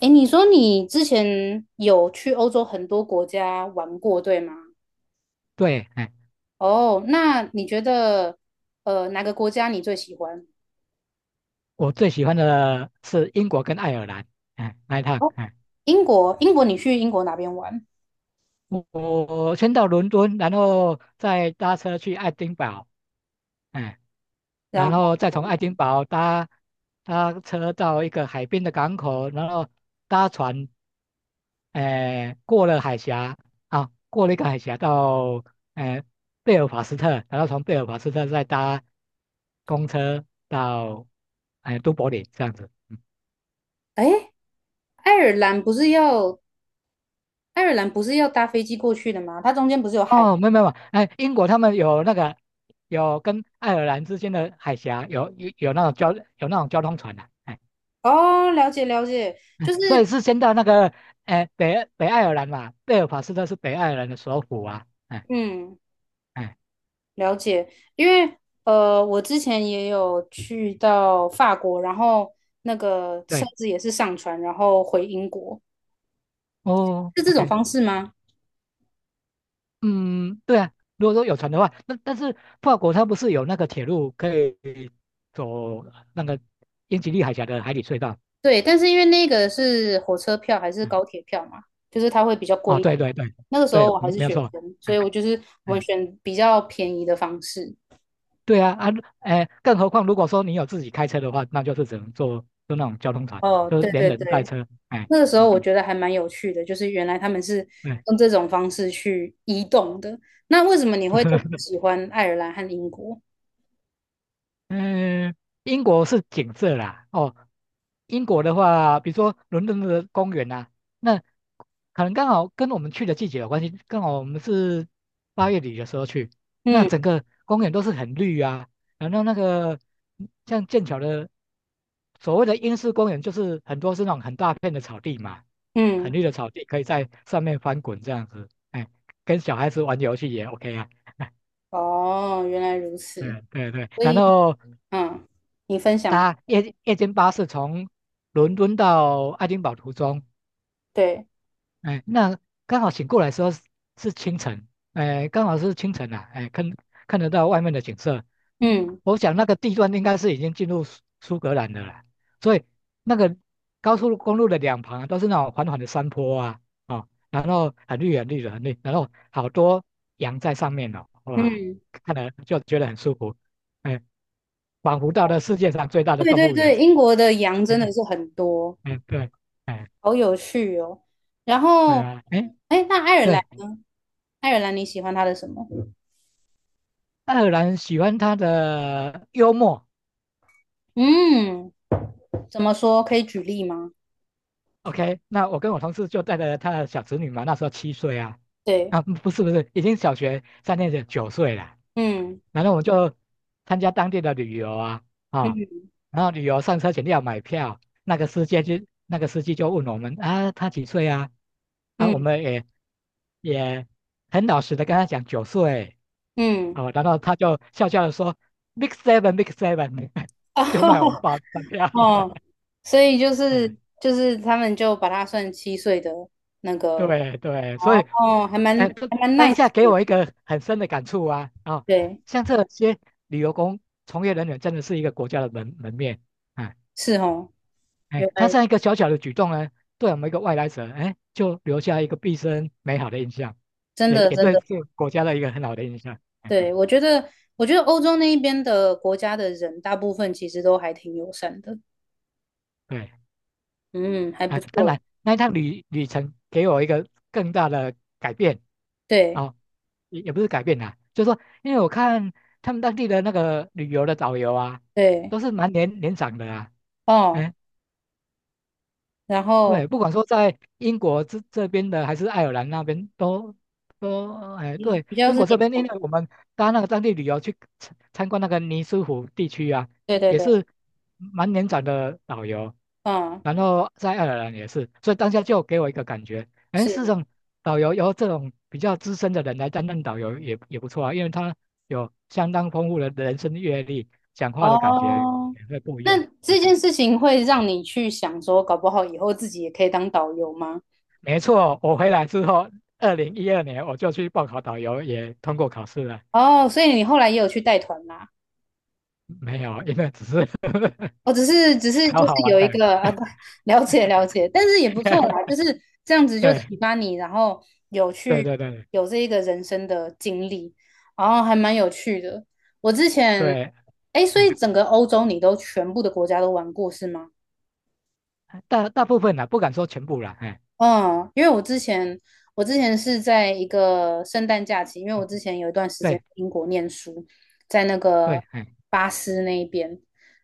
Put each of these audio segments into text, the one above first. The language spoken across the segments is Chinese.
诶，你说你之前有去欧洲很多国家玩过，对吗？对。哦，那你觉得哪个国家你最喜欢？我最喜欢的是英国跟爱尔兰。那一趟，哦，英国，你去英国哪边玩？我先到伦敦，然后再搭车去爱丁堡。哎，然然后，后再从爱丁堡搭车到一个海边的港口，然后搭船。过了海峡。啊，过了一个海峡到，哎，贝尔法斯特，然后从贝尔法斯特再搭公车到都柏林这样子。诶，爱尔兰不是要爱尔兰不是要搭飞机过去的吗？它中间不是有海？哦，没有没有。英国他们有那个有跟爱尔兰之间的海峡有那种交通船的。哦，了解了解，嗯，就是所以是先到那个北爱尔兰嘛。贝尔法斯特是北爱尔兰的首府啊。嗯，哎了解，因为我之前也有去到法国，然后那个车对。子也是上船，然后回英国，哦是这种，OK。方式吗？嗯，对啊，如果说有船的话，那但是法国它不是有那个铁路可以走那个英吉利海峡的海底隧道？对，但是因为那个是火车票还是嗯，高铁票嘛，就是它会比较贵哦，一点。对对对那个时候对，我还嗯，是没有学错。生，所以哎我就是我们哎选比较便宜的方式。对啊啊。更何况如果说你有自己开车的话，那就是只能坐就那种交通船，哦，就是对连对人带对，车。那个时候嗯，我觉得还蛮有趣的，就是原来他们是对。用这种方式去移动的。那为什么你会特别 喜欢爱尔兰和英国？嗯，英国是景色啦。哦，英国的话，比如说伦敦的公园啊，那可能刚好跟我们去的季节有关系，刚好我们是8月底的时候去，那嗯。整个公园都是很绿啊，然后那个像剑桥的所谓的英式公园，就是很多是那种很大片的草地嘛，嗯，很绿的草地，可以在上面翻滚这样子。跟小孩子玩游戏也 OK 啊。哦，原来如此。嗯，对对，所然以，后嗯，你分享。搭夜间巴士从伦敦到爱丁堡途中。对，那刚好醒过来的时候是清晨。刚好是清晨啊。看得到外面的景色。嗯，嗯我想那个地段应该是已经进入苏格兰的了啦，所以那个高速公路的两旁啊都是那种缓缓的山坡啊。哦，然后很绿很绿的很绿，然后好多羊在上面哦，哇，嗯，看了就觉得很舒服。哎，仿佛到了世界上最大的对动对物园。对，英国的羊真的 是很多，嗯，对，哎，好有趣哦。然对后，啊，哎，那爱尔兰对。呢？爱尔兰你喜欢它的什么？爱尔兰喜欢他的幽默。嗯，怎么说？可以举例吗？OK，那我跟我同事就带着他的小侄女嘛，那时候7岁啊。对，啊，不是不是，已经小学3年级，九岁了。嗯然后我们就参加当地的旅游啊。啊，嗯然后旅游上车前要买票，那个司机就问我们啊，他几岁啊？啊，我嗯们也很老实的跟他讲九岁。嗯，哦，然后他就笑笑的说，Big Seven Big Seven。就卖我们报 哦发票了。哦，所以就 是哎，就是他们就把它算7岁的那个，对对，所以，哦，还蛮当还蛮 当下 nice 给的，我一个很深的感触啊啊、哦，对。像这些旅游从业人员真的是一个国家的门面啊。是哦，原他来这样一个小小的举动呢，对我们一个外来者，就留下一个毕生美好的印象，真也的也真对的，这个国家的一个很好的印象。对，我觉得,欧洲那一边的国家的人，大部分其实都还挺友善的，对。嗯，还啊，不当错，然那一趟旅程给我一个更大的改变。对哦，也不是改变啦，就是说，因为我看他们当地的那个旅游的导游啊，对，都是蛮年长的啊。哦，哎，然对，后不管说在英国这边的还是爱尔兰那边都。比对，比较英是国这年边，因长的，为我们搭那个当地旅游去参观那个尼斯湖地区啊，对也对也对，是蛮年长的导游，嗯，然后在爱尔兰也是，所以当下就给我一个感觉。是事实上导游由这种比较资深的人来担任导游也不错啊，因为他有相当丰富的人生阅历，讲话的感觉哦，也会不一那样。这件事情会让你去想说，搞不好以后自己也可以当导游吗？没错。我回来之后，2012年我就去报考导游，也通过考试了。哦，所以你后来也有去带团啦。没有，因为只是 我只是考就好是玩有一的。个啊，不了解了解，但是也不错啦，就 是这样子就对启发你，然后有对去对对有这一个人生的经历，然后还蛮有趣的。我之前，对。哎，所以哎，整个欧洲你都全部的国家都玩过是吗？大部分啦，不敢说全部啦。嗯，因为我之前是在一个圣诞假期，因为我嗯，之前有一段时间对在英国念书，在那对。个巴斯那一边，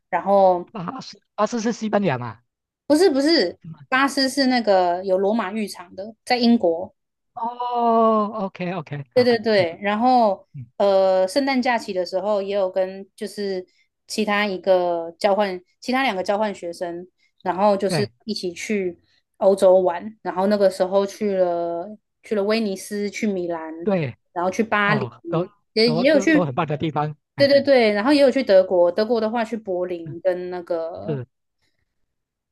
然后巴斯，巴斯是西班牙嘛？不是不是，是吗？巴斯是那个有罗马浴场的，在英国。哦，OK OK，对好，对嗯对，然后嗯，圣诞假期的时候也有跟就是其他两个交换学生，然后就是对一起去欧洲玩，然后那个时候去了威尼斯，去米兰，对。然后去巴黎，哦，都也都也有都都去，很棒的地方。对对对，然后也有去德国，德国的话去柏嗯，林跟那个是。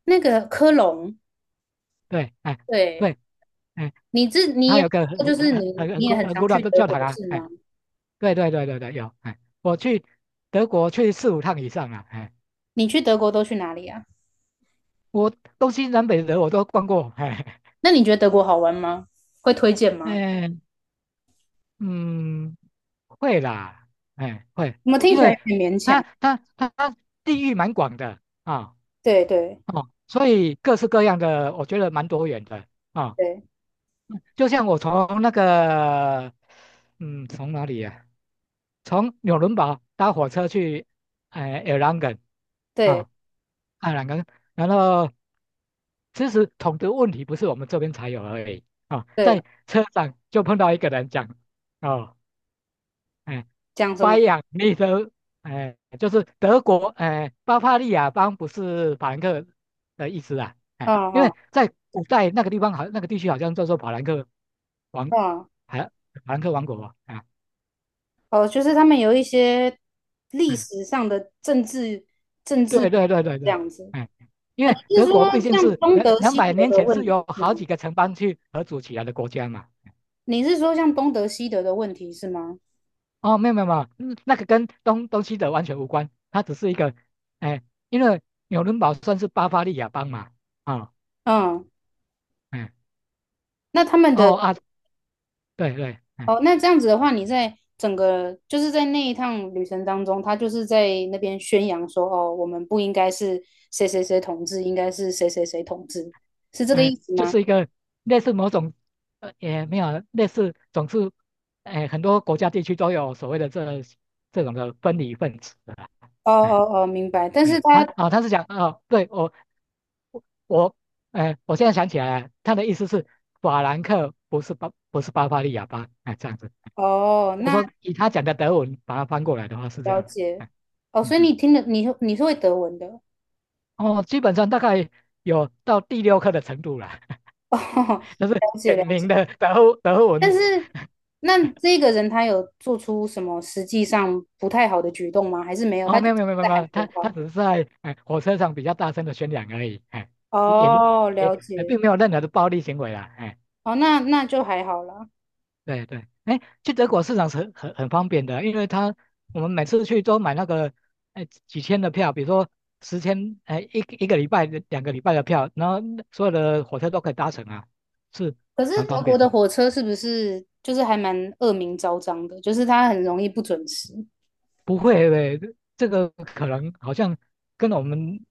那个科隆，对，对。对，哎，你它也有个就是你你也很很常古老去的德教国堂啊。是吗？对对对对对，有。我去德国去四五趟以上了。你去德国都去哪里啊？我东西南北德我都逛过。那你觉得德国好玩吗？会推荐吗？哎嗯，会啦。会。怎么我听因起来为有点勉它强？它它它地域蛮广的啊。对对哦，所以各式各样的，我觉得蛮多元的啊。对就像我从那个，嗯，从哪里呀、从纽伦堡搭火车去，埃朗根对啊，爱尔兰。然后其实统治问题不是我们这边才有而已啊，对，在车上就碰到一个人讲。哦，哎、讲什巴么？仰利的，就是德国，巴伐利亚邦不是法兰克的意思啊，啊因啊为在古代那个地方好，那个地区好像叫做法兰克王，啊！还法兰克王国啊。哦，就是他们有一些历嗯，史上的政治对对对对这对。样子。哎、因啊，为德国毕竟是两两百年前是由好几个城邦去合组起来的国家嘛。你是说像东德西德的问题是吗？哦，没有没有没有。嗯，那个跟东西德完全无关，它只是一个。哎、因为纽伦堡算是巴伐利亚邦嘛。啊、嗯，哎。那他们的，哦啊，对对。哦，那这样子的话，你在整个就是在那一趟旅程当中，他就是在那边宣扬说，哦，我们不应该是谁谁谁统治，应该是谁谁谁统治，是这个意思就吗？是一个类似某种，也没有类似，总是，很多国家地区都有所谓的这种的分离分子的啦。哦哎哦哦，明白。但是他他，啊，他是讲哦，对，我我，我现在想起来了，他的意思是法兰克不是巴伐利亚吧。这样子。哦，我那说以他讲的德文把它翻过来的话是这了样子。解。哦，嗯，所以你听的，你是会德文的。哦，基本上大概有到第六课的程度了。哦，就是了解点了解。名的德但文是，那这个人他有做出什么实际上不太好的举动吗？还是没有？哦。他就没是有没有没有没有，在没喊有，他口他号。只是在火车上比较大声的宣讲而已。也哦，也了哎解。并没有任何的暴力行为啦。哦，那就还好啦。对对。去德国市场是很方便的，因为我们每次去都买那个几千的票，比如说10,000一个礼拜2个礼拜的票，然后所有的火车都可以搭乘啊，是可是蛮德方国便的，的火车是不是就是还蛮恶名昭彰的？就是它很容易不准时。不会。这个可能好像跟我们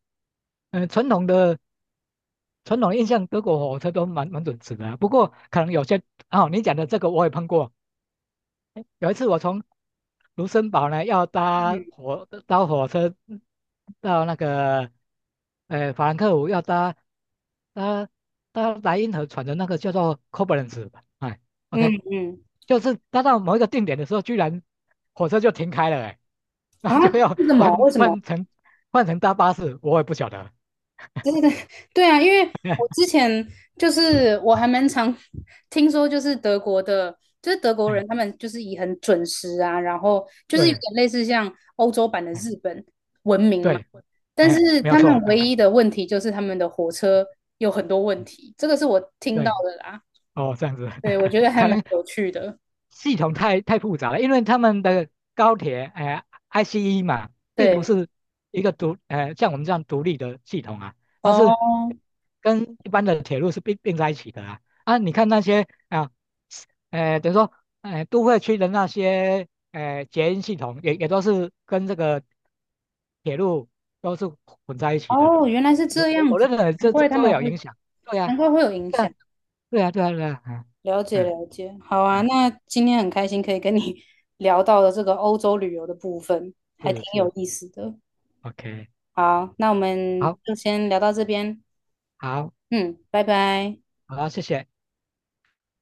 传统的。传统的印象，德国火车都蛮准时的啊，不过可能有些。哦，你讲的这个我也碰过。有一次我从卢森堡呢要搭嗯火搭火车到那个法兰克福，要搭搭莱茵河船的那个叫做 Koblenz 吧。嗯OK。嗯，就是搭到某一个定点的时候，居然火车就停开了。然啊，后就要为什么？换为什么？换成换成搭巴士，我也不晓得。对对对，对啊，因为我 之前就是我还蛮常 听说，就是德国的，就是德国哎，人他们就是以很准时啊，然后就是有对。点类似像欧洲版的哎，日本，对。但是没有他们错。唯一的问题就是他们的火车有很多问题，这个是我听到对，的啦。哦，这样子。对，我 觉得还可蛮能有趣的。系统太复杂了，因为他们的高铁，ICE 嘛，并不对，是一个像我们这样独立的系统啊。它是哦跟一般的铁路是并在一起的啊。啊，你看那些啊，等于说，都会区的那些，捷运系统也都是跟这个铁路都是混在一起的。哦，原来是我这我样我子，认为难这这怪他这会们有会，影响。对呀、难怪会有影对响。呀、对呀、对呀、对呀、了嗯解嗯。了解，好啊，哎，那今天很开心可以跟你 聊到了这个欧洲旅游的部分，还挺是有是意思的。，OK，好，那我们好，就先聊到这边，好，嗯，拜拜。好，谢谢。